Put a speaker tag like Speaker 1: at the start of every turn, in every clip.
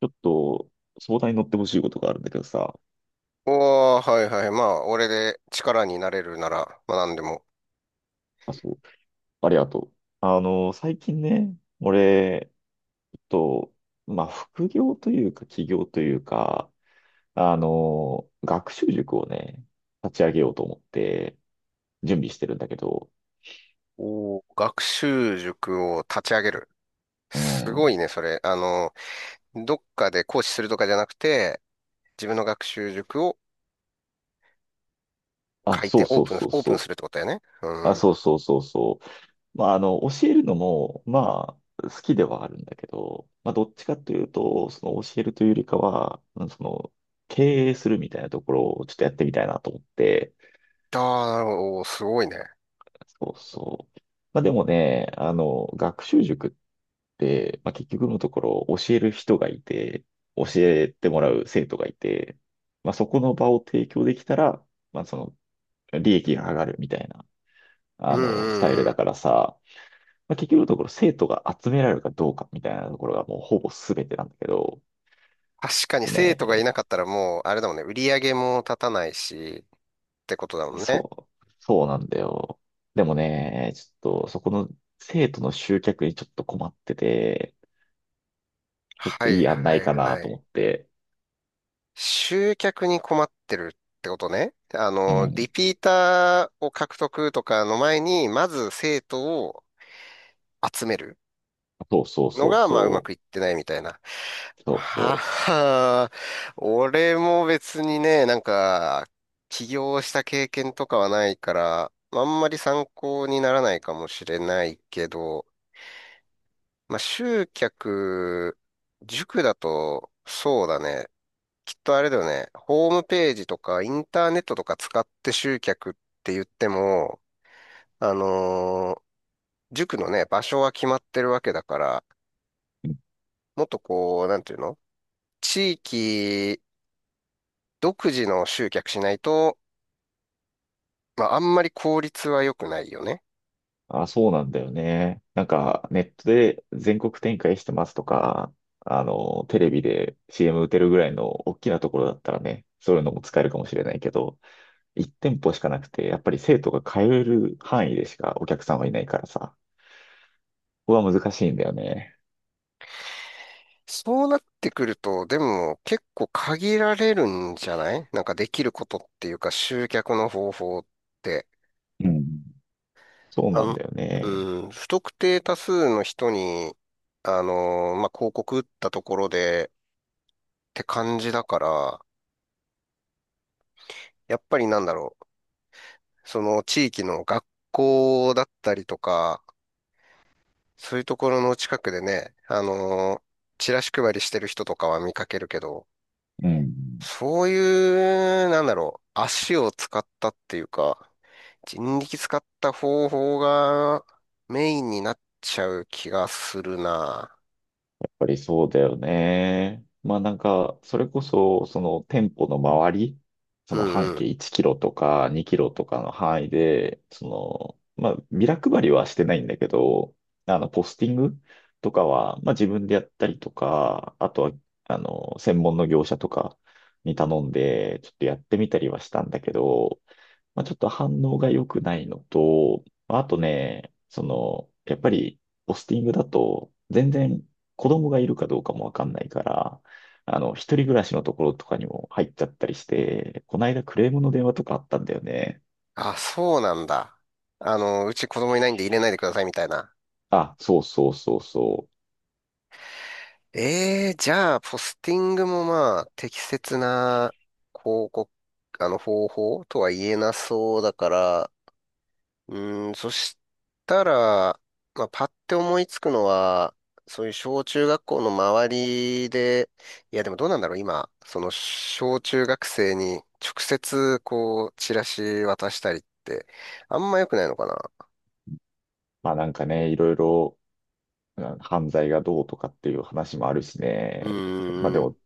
Speaker 1: ちょっと、相談に乗ってほしいことがあるんだけどさ。
Speaker 2: おー、はいはい。まあ、俺で力になれるなら、まあ何でも。
Speaker 1: あ、そう。ありがとう。最近ね、俺、ちょっと、まあ、副業というか、起業というか、学習塾をね、立ち上げようと思って、準備してるんだけど、
Speaker 2: おー、学習塾を立ち上げる。
Speaker 1: う
Speaker 2: すご
Speaker 1: ん。
Speaker 2: いね、それ。どっかで講師するとかじゃなくて、自分の学習塾を
Speaker 1: あ、
Speaker 2: 開
Speaker 1: そ
Speaker 2: 店、
Speaker 1: う
Speaker 2: オー
Speaker 1: そう
Speaker 2: プン、
Speaker 1: そう
Speaker 2: オープン
Speaker 1: そう。
Speaker 2: するってことだよね。う
Speaker 1: あ、
Speaker 2: ん。あ
Speaker 1: そうそうそうそう。まあ、教えるのも、まあ、好きではあるんだけど、まあ、どっちかというと、その教えるというよりかは、うんその、経営するみたいなところをちょっとやってみたいなと思って、
Speaker 2: あ、なるほど。おーすごいね。
Speaker 1: そうそう。まあ、でもね、学習塾って、まあ、結局のところ、教える人がいて、教えてもらう生徒がいて、まあ、そこの場を提供できたら、まあ、その、利益が上がるみたいな、
Speaker 2: うんう
Speaker 1: スタイル
Speaker 2: んう
Speaker 1: だ
Speaker 2: ん。
Speaker 1: からさ、まあ、結局のところ生徒が集められるかどうかみたいなところがもうほぼ全てなんだけど、
Speaker 2: 確か
Speaker 1: ちょっ
Speaker 2: に
Speaker 1: と
Speaker 2: 生徒がいな
Speaker 1: ね、
Speaker 2: かったらもう、あれだもんね。売り上げも立たないし、ってことだもんね。
Speaker 1: そう、そうなんだよ。でもね、ちょっとそこの生徒の集客にちょっと困ってて、ちょっ
Speaker 2: は
Speaker 1: とい
Speaker 2: い
Speaker 1: い案な
Speaker 2: は
Speaker 1: い
Speaker 2: い
Speaker 1: かな
Speaker 2: は
Speaker 1: と
Speaker 2: い。
Speaker 1: 思って。
Speaker 2: 集客に困ってるってことね。
Speaker 1: うん。
Speaker 2: リピーターを獲得とかの前に、まず生徒を集める
Speaker 1: そうそう
Speaker 2: の
Speaker 1: そう
Speaker 2: が、まあ、うま
Speaker 1: そ
Speaker 2: くいってないみたいな。
Speaker 1: う。そう
Speaker 2: は
Speaker 1: そ
Speaker 2: は、俺も別にね、なんか、起業した経験とかはないから、あんまり参考にならないかもしれないけど、まあ、集客、塾だと、そうだね。きっとあれだよね。ホームページとかインターネットとか使って集客って言っても、あのー塾のね、場所は決まってるわけだから、
Speaker 1: う。うん。
Speaker 2: もっとこう、なんていうの、地域独自の集客しないと、まあ、あんまり効率は良くないよね。
Speaker 1: あ、そうなんだよね。なんかネットで全国展開してますとか、テレビで CM 打てるぐらいの大きなところだったらね、そういうのも使えるかもしれないけど、1店舗しかなくて、やっぱり生徒が通える範囲でしかお客さんはいないからさ、ここは難しいんだよね。
Speaker 2: そうなってくると、でも結構限られるんじゃない、なんかできることっていうか集客の方法って。
Speaker 1: うん。そう
Speaker 2: あ
Speaker 1: なん
Speaker 2: の、
Speaker 1: だよね。
Speaker 2: うん、不特定多数の人に、まあ、広告打ったところでって感じだから、やっぱりなんだろう、その地域の学校だったりとか、そういうところの近くでね、チラシ配りしてる人とかは見かけるけど、
Speaker 1: うん。
Speaker 2: そういう、なんだろう、足を使ったっていうか、人力使った方法がメインになっちゃう気がするな。
Speaker 1: ぱりそうだよね。まあなんか、それこそ、その店舗の周り、そ
Speaker 2: う
Speaker 1: の半径
Speaker 2: ん。
Speaker 1: 1キロとか2キロとかの範囲で、その、まあビラ配りはしてないんだけど、ポスティングとかは、まあ自分でやったりとか、あとは、専門の業者とかに頼んで、ちょっとやってみたりはしたんだけど、まあ、ちょっと反応が良くないのと、まああとね、その、やっぱり、ポスティングだと、全然子供がいるかどうかもわかんないから、一人暮らしのところとかにも入っちゃったりして、この間クレームの電話とかあったんだよね。
Speaker 2: あ、そうなんだ。うち子供いないんで入れないでくださいみたいな。
Speaker 1: あ、そうそうそうそう。
Speaker 2: ええ、じゃあ、ポスティングもまあ、適切な広告、方法とは言えなそうだから、そしたら、まあ、パッて思いつくのは、そういう小中学校の周りで、いや、でもどうなんだろう、今、その小中学生に直接、こう、チラシ渡したりって、あんま良くないのかな。
Speaker 1: まあなんかね、いろいろ、うん犯罪がどうとかっていう話もあるし
Speaker 2: う
Speaker 1: ね。まあで
Speaker 2: ーん。
Speaker 1: も、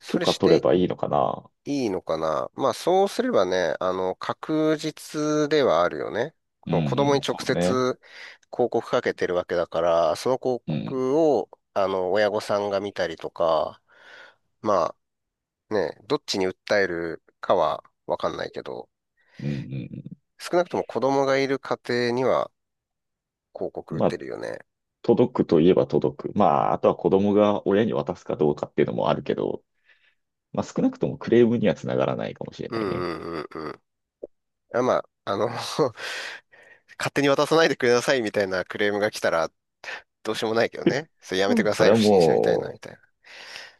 Speaker 2: そ
Speaker 1: 許
Speaker 2: れ
Speaker 1: 可
Speaker 2: し
Speaker 1: 取れ
Speaker 2: て
Speaker 1: ばいいのかな。
Speaker 2: いいのかな、まあそうすればね、確実ではあるよね。
Speaker 1: うん
Speaker 2: その子供
Speaker 1: う
Speaker 2: に
Speaker 1: ん、
Speaker 2: 直
Speaker 1: そう
Speaker 2: 接
Speaker 1: ね。
Speaker 2: 広告かけてるわけだから、その広
Speaker 1: うん、
Speaker 2: 告を、親御さんが見たりとか、まあね、どっちに訴えるかはわかんないけど、
Speaker 1: うん、
Speaker 2: 少なくとも子供がいる家庭には広告
Speaker 1: う
Speaker 2: 売
Speaker 1: ん。
Speaker 2: っ
Speaker 1: ま
Speaker 2: て
Speaker 1: あ、
Speaker 2: るよね。
Speaker 1: 届くといえば届く。まあ、あとは子供が親に渡すかどうかっていうのもあるけど、まあ少なくともクレームにはつながらないかもしれ
Speaker 2: う
Speaker 1: ない
Speaker 2: んう
Speaker 1: ね。
Speaker 2: んうんうん。あ、まあ、勝手に渡さないでくださいみたいなクレームが来たら、どうしようもないけどね。それやめ
Speaker 1: う
Speaker 2: て
Speaker 1: ん。
Speaker 2: くだ
Speaker 1: そ
Speaker 2: さ
Speaker 1: れ
Speaker 2: い、
Speaker 1: は
Speaker 2: 不審者みたいな、
Speaker 1: も
Speaker 2: みたいな。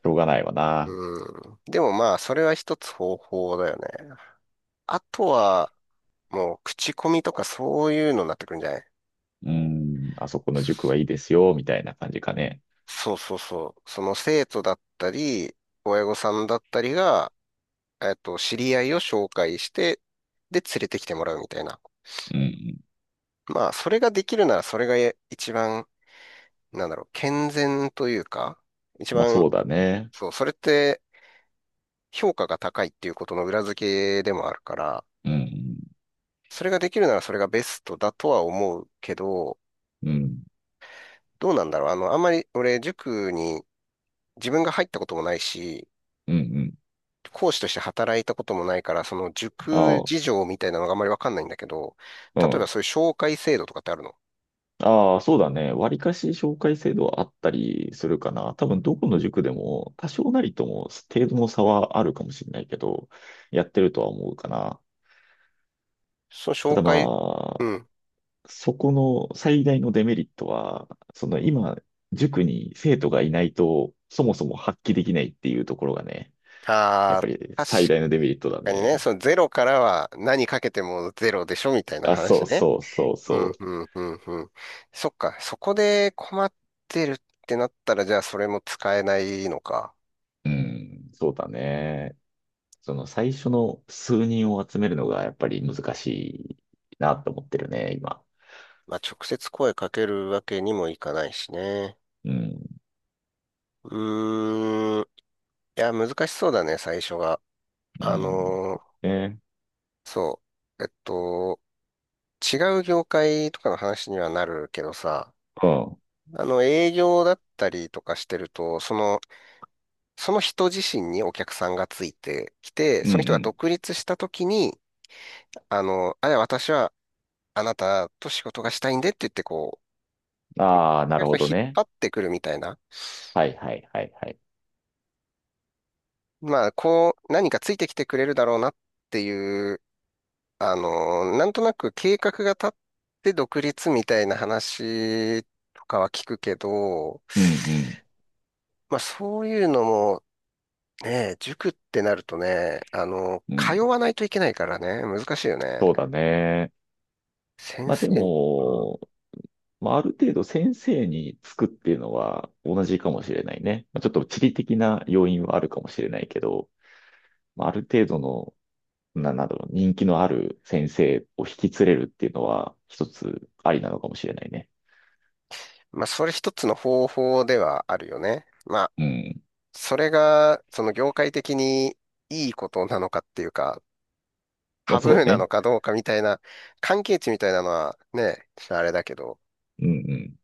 Speaker 1: う、しょうがないわな。
Speaker 2: うん。でもまあ、それは一つ方法だよね。あとは、もう、口コミとかそういうのになってくるんじゃない。
Speaker 1: うん、あそこの塾はいいですよ、みたいな感じかね。
Speaker 2: そうそうそう。その生徒だったり、親御さんだったりが、知り合いを紹介して、で、連れてきてもらうみたいな。
Speaker 1: うん。
Speaker 2: まあ、それができるなら、それがえ一番、なんだろう、健全というか、一
Speaker 1: まあ
Speaker 2: 番、
Speaker 1: そうだね。
Speaker 2: そう、それって評価が高いっていうことの裏付けでもあるから、
Speaker 1: うん。
Speaker 2: それができるならそれがベストだとは思うけど、
Speaker 1: うん。
Speaker 2: どうなんだろう。あんまり俺、塾に自分が入ったこともないし、
Speaker 1: うん。うん
Speaker 2: 講師として働いたこともないから、その
Speaker 1: あ
Speaker 2: 塾
Speaker 1: あ、
Speaker 2: 事情みたいなのがあんまりわかんないんだけど、
Speaker 1: う
Speaker 2: 例えば
Speaker 1: ん。
Speaker 2: そういう紹介制度とかってあるの？
Speaker 1: ああ、そうだね。割かし紹介制度はあったりするかな。多分どこの塾でも多少なりとも程度の差はあるかもしれないけど、やってるとは思うかな。
Speaker 2: その
Speaker 1: た
Speaker 2: 紹
Speaker 1: だ
Speaker 2: 介、う
Speaker 1: まあ、
Speaker 2: ん。
Speaker 1: そこの最大のデメリットは、その今、塾に生徒がいないと、そもそも発揮できないっていうところがね、や
Speaker 2: あ
Speaker 1: っぱり
Speaker 2: あ、確
Speaker 1: 最大のデメリットだ
Speaker 2: かにね、
Speaker 1: ね。
Speaker 2: そのゼロからは何かけてもゼロでしょみたいな
Speaker 1: あ、そ
Speaker 2: 話
Speaker 1: う
Speaker 2: ね。
Speaker 1: そうそう
Speaker 2: う
Speaker 1: そ
Speaker 2: ん、うん、うん、うん。そっか、そこで困ってるってなったら、じゃあそれも使えないのか。
Speaker 1: う。うん、そうだね。その最初の数人を集めるのがやっぱり難しいなと思ってるね、今。
Speaker 2: まあ、直接声かけるわけにもいかないしね。
Speaker 1: うん、
Speaker 2: うーん。いや、難しそうだね、最初が。
Speaker 1: う
Speaker 2: あ
Speaker 1: ん、
Speaker 2: のー
Speaker 1: ね、
Speaker 2: そう。違う業界とかの話にはなるけどさ、
Speaker 1: うん、うん、
Speaker 2: 営業だったりとかしてると、その人自身にお客さんがついてきて、
Speaker 1: う
Speaker 2: その人が
Speaker 1: ん。
Speaker 2: 独立した時に、あの、あれ、私はあなたと仕事がしたいんでって言って、こう、
Speaker 1: ああ、
Speaker 2: お
Speaker 1: なる
Speaker 2: 客さ
Speaker 1: ほ
Speaker 2: んを
Speaker 1: ど
Speaker 2: 引っ
Speaker 1: ね。
Speaker 2: 張ってくるみたいな。
Speaker 1: はいはいはいはい。
Speaker 2: まあ、こう、何かついてきてくれるだろうなっていう、なんとなく計画が立って独立みたいな話とかは聞くけど、
Speaker 1: うん、
Speaker 2: まあ、そういうのも、ね、塾ってなるとね、
Speaker 1: うん、う
Speaker 2: 通
Speaker 1: ん。
Speaker 2: わないといけないからね、難しいよね。
Speaker 1: そうだね。
Speaker 2: 先
Speaker 1: まあで
Speaker 2: 生に、うん。
Speaker 1: も、まあある程度先生につくっていうのは同じかもしれないね。まあ、ちょっと地理的な要因はあるかもしれないけど、まあある程度の、な、なんだろう、人気のある先生を引き連れるっていうのは一つありなのかもしれないね。
Speaker 2: まあ、それ一つの方法ではあるよね。まあ、
Speaker 1: うん。
Speaker 2: それが、その業界的にいいことなのかっていうか、
Speaker 1: まあ
Speaker 2: タブ
Speaker 1: そう
Speaker 2: ーな
Speaker 1: ね。
Speaker 2: のかどうかみたいな、関係値みたいなのはね、ちょっとあれだけど、
Speaker 1: うんうん。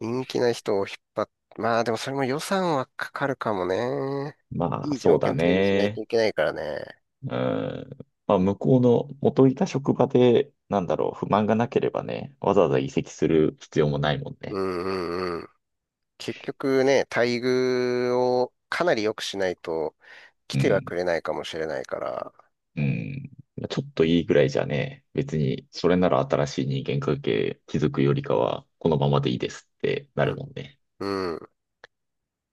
Speaker 2: 人気な人を引っ張っ、まあでもそれも予算はかかるかもね。
Speaker 1: ま
Speaker 2: い
Speaker 1: あ
Speaker 2: い
Speaker 1: そ
Speaker 2: 条
Speaker 1: う
Speaker 2: 件
Speaker 1: だ
Speaker 2: 提示しないと
Speaker 1: ね。
Speaker 2: いけないからね。
Speaker 1: うん。まあ向こうの元いた職場で、なんだろう、不満がなければね、わざわざ移籍する必要もないもん
Speaker 2: う
Speaker 1: ね。
Speaker 2: んうんうん。結局ね、待遇をかなり良くしないと来
Speaker 1: う
Speaker 2: ては
Speaker 1: ん。
Speaker 2: くれないかもしれないから。
Speaker 1: うん。ちょっといいぐらいじゃね、別にそれなら新しい人間関係築くよりかは、このままでいいですってな
Speaker 2: う
Speaker 1: る
Speaker 2: ん。
Speaker 1: もんね。
Speaker 2: うん。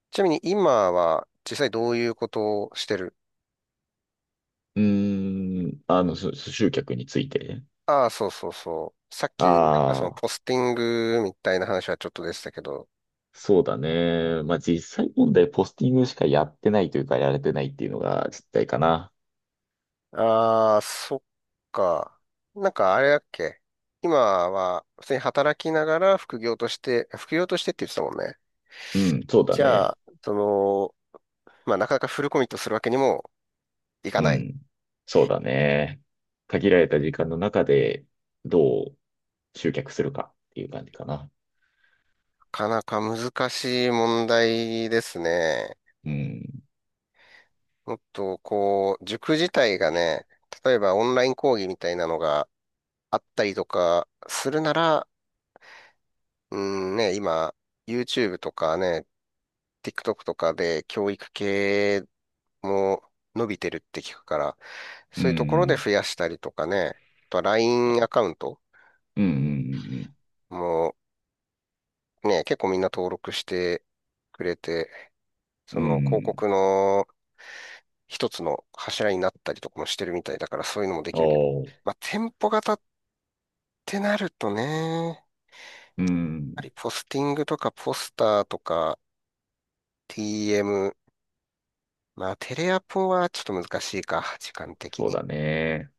Speaker 2: ちなみに今は実際どういうことをしてる？
Speaker 1: うーん、そそ集客について。
Speaker 2: ああ、そうそうそう。さっき、なんかその
Speaker 1: ああ、
Speaker 2: ポスティングみたいな話はちょっとでしたけど、
Speaker 1: そうだね。まあ、実際問題、ポスティングしかやってないというか、やれてないっていうのが実態かな。
Speaker 2: ああ、そっか。なんかあれだっけ。今は普通に働きながら副業としてって言ってたもんね。
Speaker 1: うん、そうだ
Speaker 2: じゃ
Speaker 1: ね。
Speaker 2: あ、その、まあなかなかフルコミットするわけにもいか
Speaker 1: う
Speaker 2: ない。な
Speaker 1: ん、そうだね。限られた時間の中で、どう集客するかっていう感じかな。
Speaker 2: かなか難しい問題ですね。
Speaker 1: うん、
Speaker 2: もっとこう、塾自体がね、例えばオンライン講義みたいなのがあったりとかするなら、うんね、今、YouTube とかね、TikTok とかで教育系も伸びてるって聞くから、
Speaker 1: う
Speaker 2: そういうところで
Speaker 1: ん、
Speaker 2: 増やしたりとかね、あとは LINE アカウント
Speaker 1: うん、うん、うん、うん。うん
Speaker 2: もね、結構みんな登録してくれて、
Speaker 1: う
Speaker 2: その広
Speaker 1: ん。
Speaker 2: 告の一つの柱になったりとかもしてるみたいだから、そういうのもできるけど。
Speaker 1: おー。
Speaker 2: まあ、店舗型ってなるとね、や
Speaker 1: うん。
Speaker 2: はりポスティングとかポスターとか TM、まあ、テレアポはちょっと難しいか、時間的
Speaker 1: そう
Speaker 2: に。
Speaker 1: だね。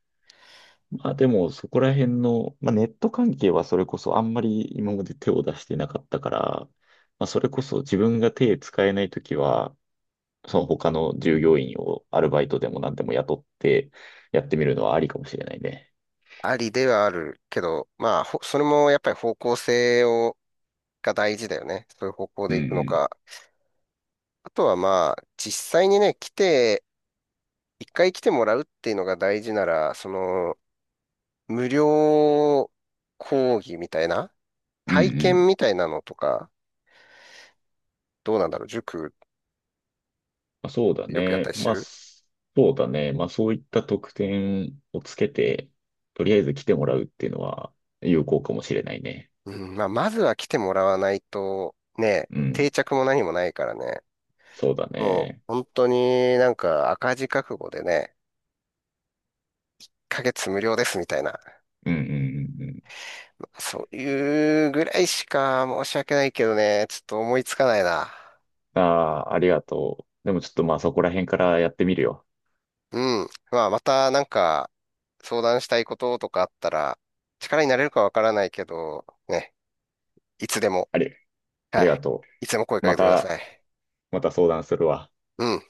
Speaker 1: まあでも、そこら辺の、まあネット関係はそれこそあんまり今まで手を出してなかったから、まあそれこそ自分が手使えないときは、その他の従業員をアルバイトでも何でも雇ってやってみるのはありかもしれないね。
Speaker 2: ありではあるけど、まあ、ほそれもやっぱり方向性をが大事だよね。そういう方向
Speaker 1: う
Speaker 2: で
Speaker 1: んう
Speaker 2: 行くの
Speaker 1: ん。
Speaker 2: か。あとはまあ、実際にね、来て、一回来てもらうっていうのが大事なら、無料講義みたいな、
Speaker 1: うんう
Speaker 2: 体験
Speaker 1: ん。
Speaker 2: みたいなのとか、どうなんだろう、塾
Speaker 1: まあ、そうだ
Speaker 2: よくやった
Speaker 1: ね。
Speaker 2: りして
Speaker 1: まあ、
Speaker 2: る？
Speaker 1: すそうだね。まあそういった特典をつけて、とりあえず来てもらうっていうのは有効かもしれないね。
Speaker 2: うん、まあ、まずは来てもらわないと、ね、
Speaker 1: う
Speaker 2: 定
Speaker 1: ん。
Speaker 2: 着も何もないからね。
Speaker 1: そうだ
Speaker 2: もう、
Speaker 1: ね。
Speaker 2: 本当になんか赤字覚悟でね、1ヶ月無料ですみたいな。
Speaker 1: うんうんうんうん。
Speaker 2: そういうぐらいしか申し訳ないけどね、ちょっと思いつかないな。
Speaker 1: ああ、ありがとう。でもちょっとまあそこら辺からやってみるよ。
Speaker 2: うん。まあ、またなんか相談したいこととかあったら、力になれるかわからないけど、ね、いつでも、
Speaker 1: あり、あ
Speaker 2: は
Speaker 1: りが
Speaker 2: い。
Speaker 1: と
Speaker 2: いつでも声
Speaker 1: う。
Speaker 2: か
Speaker 1: ま
Speaker 2: けてくだ
Speaker 1: た、
Speaker 2: さい。
Speaker 1: また相談するわ。
Speaker 2: うん。